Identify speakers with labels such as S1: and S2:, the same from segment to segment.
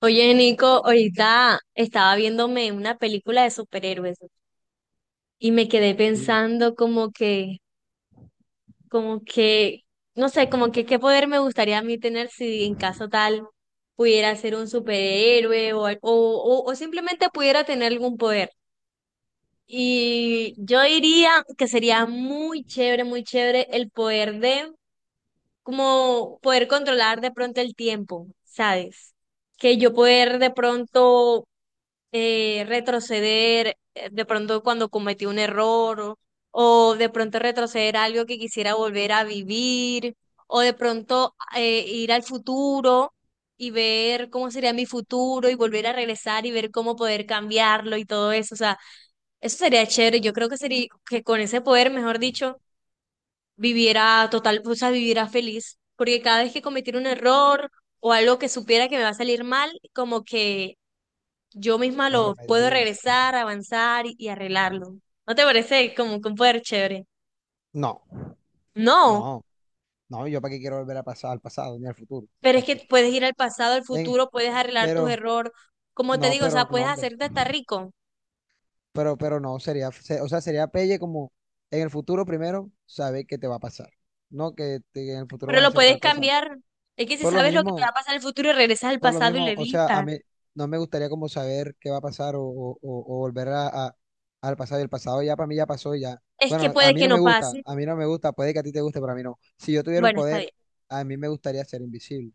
S1: Oye, Nico, ahorita estaba viéndome una película de superhéroes y me quedé
S2: Sí,
S1: pensando como que, no sé, como que qué poder me gustaría a mí tener si en caso tal pudiera ser un superhéroe o, al- o simplemente pudiera tener algún poder. Y yo diría que sería muy chévere el poder de, como poder controlar de pronto el tiempo, ¿sabes? Que yo poder de pronto retroceder de pronto cuando cometí un error o de pronto retroceder a algo que quisiera volver a vivir o de pronto ir al futuro y ver cómo sería mi futuro y volver a regresar y ver cómo poder cambiarlo y todo eso. O sea, eso sería chévere. Yo creo que sería que con ese poder, mejor dicho, viviera total, o sea, viviera feliz. Porque cada vez que cometiera un error o algo que supiera que me va a salir mal, como que yo misma
S2: lo
S1: lo puedo
S2: remediarías.
S1: regresar, avanzar y arreglarlo. ¿No te parece como que un poder chévere?
S2: No,
S1: No,
S2: no, no, yo para qué quiero volver a pasar al pasado ni al futuro,
S1: pero es
S2: ¿para
S1: que
S2: qué?
S1: puedes ir al pasado, al
S2: Eh,
S1: futuro, puedes arreglar tus
S2: Pero,
S1: errores. Como te
S2: no,
S1: digo, o sea,
S2: pero no,
S1: puedes
S2: hombre,
S1: hacerte hasta rico,
S2: pero no, sería, se- o sea, sería pelle como en el futuro primero saber qué te va a pasar, no que te- en el futuro
S1: pero
S2: vas a
S1: lo
S2: hacer
S1: puedes
S2: tal cosa.
S1: cambiar. Es que si
S2: Por lo
S1: sabes lo que te va
S2: mismo,
S1: a pasar en el futuro, regresas al
S2: Por lo
S1: pasado y lo
S2: mismo, o sea, a
S1: evitas.
S2: mí no me gustaría como saber qué va a pasar o volver al pasado. Y el pasado ya para mí ya pasó ya.
S1: Es que
S2: Bueno, a
S1: puede
S2: mí
S1: que
S2: no me
S1: no
S2: gusta,
S1: pase.
S2: a mí no me gusta, puede que a ti te guste, pero a mí no. Si yo tuviera un
S1: Bueno, está
S2: poder,
S1: bien.
S2: a mí me gustaría ser invisible.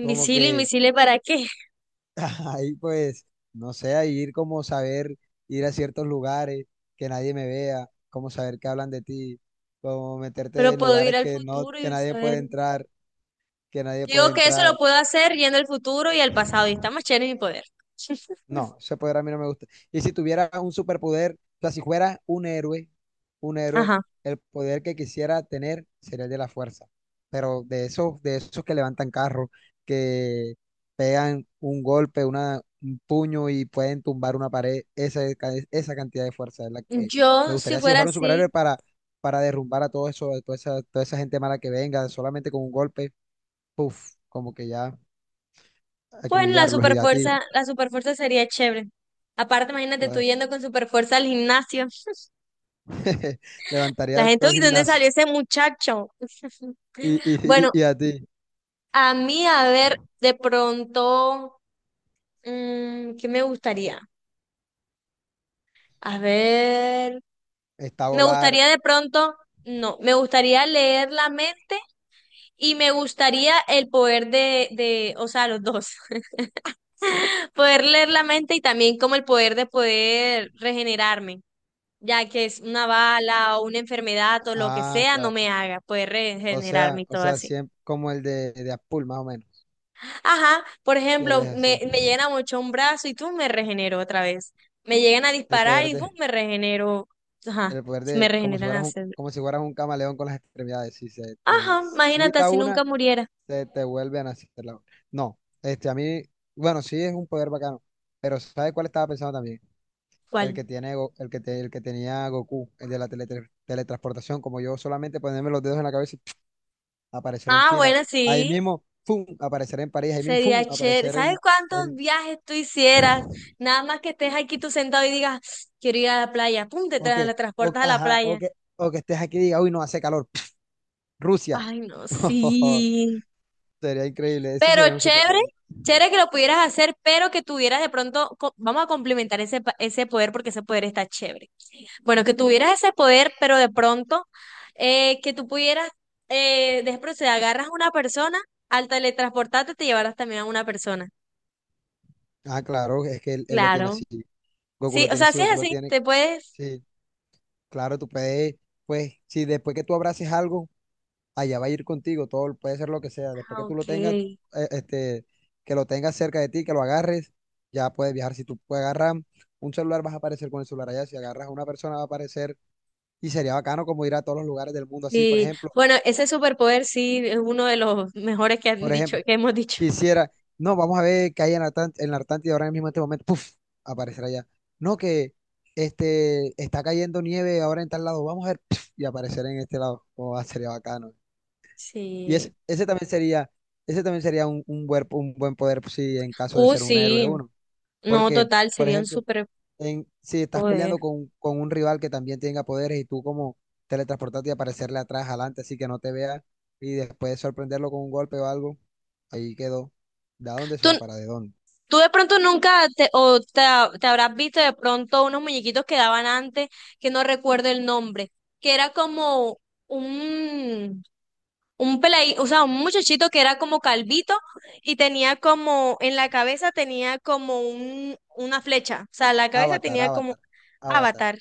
S2: Como que
S1: invisible, ¿para qué?
S2: ahí pues, no sé, ahí ir como saber, ir a ciertos lugares que nadie me vea, como saber que hablan de ti, como meterte
S1: Pero
S2: en
S1: puedo ir
S2: lugares
S1: al futuro
S2: que
S1: y
S2: nadie
S1: saber.
S2: puede entrar, que nadie puede
S1: Digo que eso lo
S2: entrar.
S1: puedo hacer yendo al futuro y al pasado, y está más chévere mi poder.
S2: No, ese poder a mí no me gusta. Y si tuviera un superpoder, o sea, si fuera un héroe,
S1: Ajá.
S2: el poder que quisiera tener sería el de la fuerza. Pero de esos que levantan carros, que pegan un golpe, un puño y pueden tumbar una pared, esa cantidad de fuerza es la que me
S1: Yo, si
S2: gustaría si yo
S1: fuera
S2: fuera un superhéroe
S1: así,
S2: para derrumbar a todo eso, toda esa gente mala que venga, solamente con un golpe, puff, como que ya
S1: pues
S2: acribillarlos y a ti.
S1: la superfuerza sería chévere. Aparte, imagínate tú yendo con superfuerza al gimnasio. La
S2: Levantaría
S1: gente,
S2: todo el
S1: uy, ¿de ¿dónde
S2: gimnasio.
S1: salió ese muchacho?
S2: Y, y, y,
S1: Bueno,
S2: y a ti,
S1: a mí, a ver, de pronto, ¿qué me gustaría? A ver,
S2: está
S1: me
S2: volar.
S1: gustaría de pronto, no, me gustaría leer la mente y me gustaría el poder de, o sea, los dos, poder leer la mente y también como el poder de poder regenerarme. Ya que es una bala o una enfermedad o lo que
S2: Ah,
S1: sea, no
S2: claro.
S1: me haga, puede
S2: O
S1: regenerarme
S2: sea,
S1: y
S2: o
S1: todo
S2: sea,
S1: así.
S2: siempre como el de Apul, más o menos.
S1: Ajá, por
S2: Que él es
S1: ejemplo,
S2: así.
S1: me llegan a mochar un brazo y tú me regenero otra vez. Me llegan a
S2: El
S1: disparar
S2: poder
S1: y ¡fum!
S2: de,
S1: Me regenero. Ajá,
S2: el poder
S1: se me
S2: de,
S1: regeneran las células.
S2: como si fueras un camaleón con las extremidades. Si se
S1: Ajá,
S2: te
S1: imagínate
S2: quita
S1: si
S2: una,
S1: nunca muriera.
S2: se te vuelve a nacer la otra. No, este, a mí, bueno, sí es un poder bacano. Pero ¿sabes cuál estaba pensando también? El
S1: ¿Cuál?
S2: que tiene, Go- el que, te- el que tenía Goku, el de la teletransportación, como yo solamente ponerme los dedos en la cabeza aparecer en
S1: Ah,
S2: China,
S1: bueno,
S2: ahí
S1: sí.
S2: mismo, ¡fum!, aparecer en París, ahí mismo, ¡fum!,
S1: Sería chévere.
S2: aparecer
S1: ¿Sabes
S2: en,
S1: cuántos
S2: en-
S1: viajes tú hicieras? Nada más que estés aquí tú sentado y digas, quiero ir a la playa. Pum,
S2: o que,
S1: la
S2: o,
S1: transportas a la
S2: ajá,
S1: playa.
S2: o que estés aquí y diga, uy, no hace calor, Rusia.
S1: Ay, no, sí.
S2: Sería increíble, ese
S1: Pero
S2: sería un
S1: chévere,
S2: superpoder.
S1: chévere que lo pudieras hacer, pero que tuvieras de pronto, vamos a complementar ese, ese poder porque ese poder está chévere. Bueno, que tuvieras ese poder, pero de pronto que tú pudieras, de pronto si agarras a una persona, al teletransportarte te llevarás también a una persona.
S2: Ah, claro, es que él lo tiene
S1: Claro.
S2: así, Goku
S1: Sí,
S2: lo
S1: o
S2: tiene
S1: sea,
S2: así,
S1: si es
S2: Goku lo
S1: así,
S2: tiene,
S1: te puedes...
S2: sí, claro, tú puedes, pues, si después que tú abraces algo, allá va a ir contigo, todo puede ser lo que sea. Después
S1: Ah,
S2: que tú lo tengas,
S1: ok.
S2: eh, este, que lo tengas cerca de ti, que lo agarres, ya puedes viajar. Si tú puedes agarrar un celular, vas a aparecer con el celular allá. Si agarras a una persona, va a aparecer. Y sería bacano como ir a todos los lugares del mundo así,
S1: Sí. Bueno, ese superpoder sí es uno de los mejores que han
S2: por
S1: dicho,
S2: ejemplo,
S1: que hemos dicho.
S2: quisiera, no, vamos a ver qué hay en la, en la Atlántida ahora mismo en este momento, puf, aparecer allá. No que este está cayendo nieve ahora en tal lado, vamos a ver, puf, y aparecer en este lado. Oh, sería bacano. Y ese
S1: Sí.
S2: ese también sería, ese también sería un buen poder si en caso de ser un héroe
S1: Sí.
S2: uno.
S1: No,
S2: Porque,
S1: total,
S2: por
S1: sería un
S2: ejemplo,
S1: superpoder.
S2: en, si estás peleando con un rival que también tenga poderes y tú como teletransportarte y aparecerle atrás, adelante, así que no te vea y después sorprenderlo con un golpe o algo, ahí quedó. ¿De dónde se
S1: ¿Tú,
S2: va para de dónde?
S1: ¿tú de pronto nunca te, o te, te habrás visto de pronto unos muñequitos que daban antes, que no recuerdo el nombre, que era como un, un o sea, un muchachito que era como calvito y tenía como, en la cabeza tenía como una flecha, o sea, la cabeza
S2: Avatar,
S1: tenía como...
S2: Avatar, Avatar.
S1: Avatar.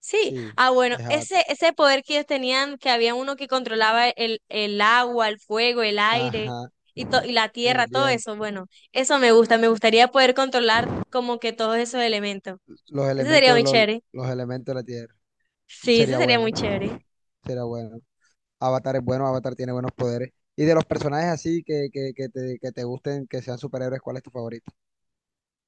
S1: Sí,
S2: Sí,
S1: ah bueno,
S2: es Avatar.
S1: ese poder que ellos tenían, que había uno que controlaba el agua, el fuego, el aire
S2: Ajá,
S1: y, y la
S2: el
S1: tierra, todo eso,
S2: viento,
S1: bueno, eso me gusta, me gustaría poder controlar como que todos esos elementos.
S2: los
S1: Eso sería
S2: elementos,
S1: muy
S2: los,
S1: chévere.
S2: los elementos de la tierra.
S1: Sí, eso
S2: Sería
S1: sería
S2: bueno,
S1: muy chévere.
S2: sería bueno. Avatar es bueno, Avatar tiene buenos poderes. Y de los personajes así que te gusten, que sean superhéroes, ¿cuál es tu favorito?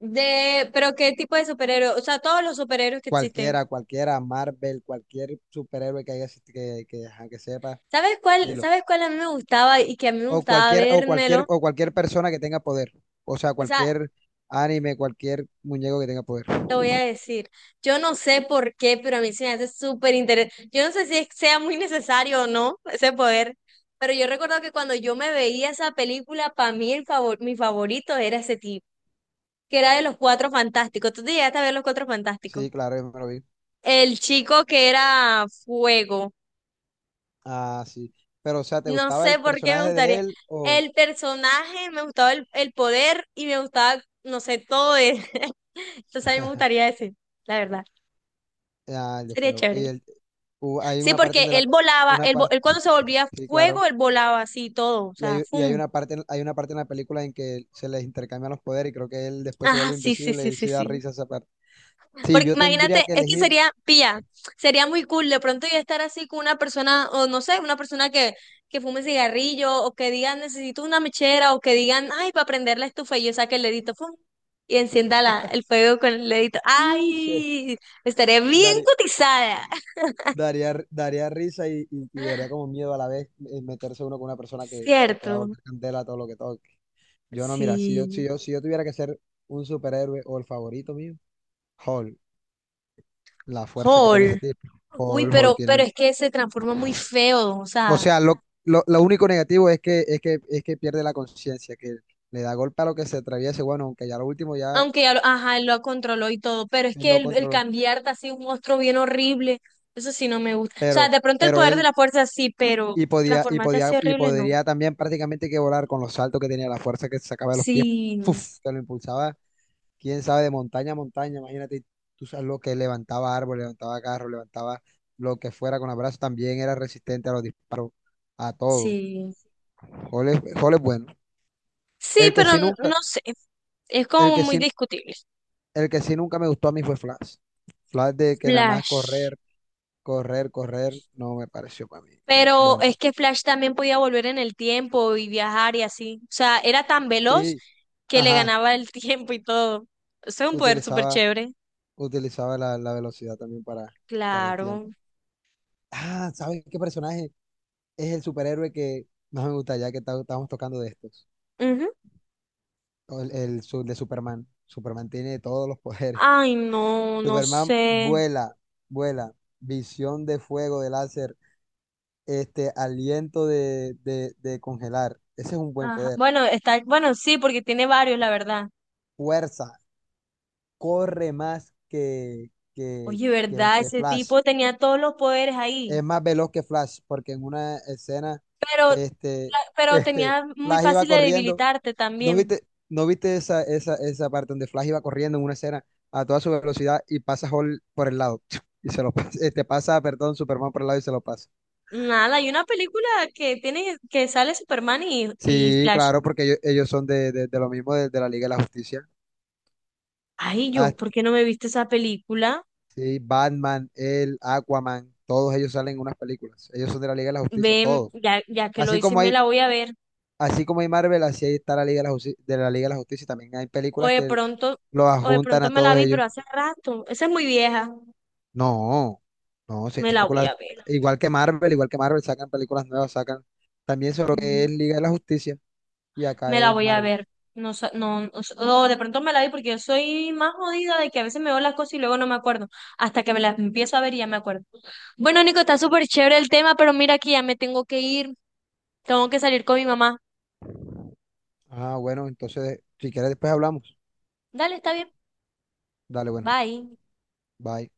S1: De, pero ¿qué tipo de superhéroe? O sea, todos los superhéroes que existen.
S2: Cualquiera, Marvel, cualquier superhéroe que haya así que sepa, dilo.
S1: Sabes cuál a mí me gustaba y que a mí me gustaba vérmelo?
S2: O cualquier persona que tenga poder. O sea,
S1: O sea,
S2: cualquier anime, cualquier muñeco que tenga poder.
S1: te voy a decir, yo no sé por qué, pero a mí se me hace súper interesante. Yo no sé si sea muy necesario o no ese poder, pero yo recuerdo que cuando yo me veía esa película, para mí el favor, mi favorito era ese tipo, que era de los Cuatro Fantásticos. ¿Tú te llegaste a ver los Cuatro Fantásticos?
S2: Sí, claro, yo me lo vi.
S1: El chico que era fuego.
S2: Ah, sí. Pero, o sea, ¿te
S1: No
S2: gustaba el
S1: sé por qué me
S2: personaje de
S1: gustaría.
S2: él o
S1: El personaje, me gustaba el poder y me gustaba, no sé, todo de... Entonces a mí me gustaría ese, la verdad.
S2: ah, el de
S1: Sería
S2: fuego? Y
S1: chévere.
S2: el, hubo- hay
S1: Sí,
S2: una parte
S1: porque
S2: donde la,
S1: él volaba,
S2: una parte,
S1: él cuando se volvía
S2: sí,
S1: fuego,
S2: claro.
S1: él volaba así todo, o sea, ¡fum!
S2: Hay una parte en la película en que se les intercambian los poderes y creo que él después se
S1: Ah,
S2: vuelve
S1: sí, sí,
S2: invisible
S1: sí,
S2: y
S1: sí,
S2: sí da
S1: sí.
S2: risa esa parte. Si
S1: Porque
S2: yo tendría
S1: imagínate,
S2: que
S1: es que
S2: elegir,
S1: sería, pilla, sería muy cool de pronto yo estar así con una persona, o no sé, una persona que fume cigarrillo, o que digan, necesito una mechera, o que digan, ay, para prender la estufa, y yo saque el dedito, ¡fum! Y encienda la, el fuego con el dedito.
S2: y se,
S1: ¡Ay! Estaré bien
S2: daré-
S1: cotizada,
S2: daría, r- daría risa y daría como miedo a la vez meterse uno con una persona que pueda
S1: ¿cierto?
S2: volver candela todo lo que toque. Yo no, mira,
S1: Sí.
S2: si yo tuviera que ser un superhéroe o el favorito mío, Hulk, la fuerza que tiene ese
S1: Hall.
S2: tipo.
S1: Uy,
S2: Hulk
S1: pero
S2: tiene.
S1: es que se transforma muy feo, o
S2: O
S1: sea,
S2: sea, lo único negativo es que, es que pierde la conciencia, que le da golpe a lo que se atraviese, bueno, aunque ya lo último ya
S1: aunque ya lo, ajá, él lo controló y todo, pero es
S2: él
S1: que
S2: lo
S1: el
S2: controló,
S1: cambiarte así un monstruo bien horrible, eso sí no me gusta. O sea,
S2: pero,
S1: de pronto el
S2: pero
S1: poder de
S2: él
S1: la fuerza sí, pero
S2: y podía,
S1: transformarte así
S2: y
S1: horrible no.
S2: podría también prácticamente que volar con los saltos que tenía, la fuerza que sacaba de los pies,
S1: Sí,
S2: ¡puf! Que lo impulsaba, quién sabe, de montaña a montaña, imagínate, tú sabes lo que levantaba árbol, levantaba carro, levantaba lo que fuera con los brazos, también era resistente a los disparos, a todo.
S1: sí.
S2: Jole, Jole es bueno.
S1: Sí,
S2: El que
S1: pero
S2: sí nunca,
S1: no sé, es
S2: el
S1: como
S2: que
S1: muy
S2: sí
S1: discutible.
S2: El que sí nunca me gustó a mí fue Flash. Flash de que nada más
S1: Flash.
S2: correr, correr, no me pareció para mí.
S1: Pero
S2: Bueno,
S1: es que Flash también podía volver en el tiempo y viajar y así. O sea, era tan veloz
S2: sí,
S1: que le
S2: ajá,
S1: ganaba el tiempo y todo. Eso es un poder súper
S2: utilizaba,
S1: chévere.
S2: utilizaba la, la velocidad también para el tiempo.
S1: Claro.
S2: Ah, ¿sabes qué personaje es el superhéroe que más me gusta ya que estamos tocando de estos?
S1: Ujú.
S2: O el su- de Superman. Superman tiene todos los poderes.
S1: Ay, no, no
S2: Superman
S1: sé.
S2: vuela, vuela, visión de fuego, de láser, este, aliento de de congelar. Ese es un buen
S1: Ajá.
S2: poder.
S1: Bueno, está, bueno, sí, porque tiene varios, la verdad.
S2: Fuerza, corre más
S1: Oye, ¿verdad?
S2: que
S1: Ese
S2: Flash.
S1: tipo tenía todos los poderes ahí,
S2: Es más veloz que Flash, porque en una escena,
S1: pero,
S2: este,
S1: pero
S2: este,
S1: tenía muy
S2: Flash iba
S1: fácil de
S2: corriendo.
S1: debilitarte también.
S2: ¿No viste esa parte donde Flash iba corriendo en una escena a toda su velocidad y pasa Hall por el lado? Y se lo pasa, este, pasa, perdón, Superman por el lado y se lo pasa.
S1: Nada, hay una película que tiene, que sale Superman y
S2: Sí,
S1: Flash.
S2: claro, porque ellos son de lo mismo, de la Liga de la Justicia.
S1: Ay,
S2: Ah,
S1: yo, ¿por qué no me viste esa película?
S2: sí, Batman, el Aquaman, todos ellos salen en unas películas. Ellos son de la Liga de la Justicia,
S1: Ven,
S2: todos.
S1: ya, ya que lo
S2: Así
S1: dices,
S2: como
S1: me
S2: hay,
S1: la voy a ver.
S2: así como hay Marvel, así ahí está la Liga de la Justicia, de la Liga de la Justicia. También hay
S1: O
S2: películas
S1: de
S2: que
S1: pronto,
S2: los
S1: o de
S2: adjuntan
S1: pronto
S2: a
S1: me
S2: todos
S1: la vi,
S2: ellos.
S1: pero hace rato. Esa es muy vieja.
S2: No, no, sí,
S1: Me
S2: hay
S1: la voy
S2: películas
S1: a
S2: igual que Marvel, sacan películas nuevas, sacan también sobre lo que es
S1: ver.
S2: Liga de la Justicia y acá
S1: Me la
S2: es
S1: voy a
S2: Marvel.
S1: ver. No, o de pronto me la vi porque yo soy más jodida de que a veces me veo las cosas y luego no me acuerdo. Hasta que me las empiezo a ver y ya me acuerdo. Bueno, Nico, está súper chévere el tema, pero mira que ya me tengo que ir. Tengo que salir con mi mamá.
S2: Ah, bueno, entonces, si quieres después hablamos.
S1: Dale, está bien.
S2: Dale, bueno,
S1: Bye.
S2: bye.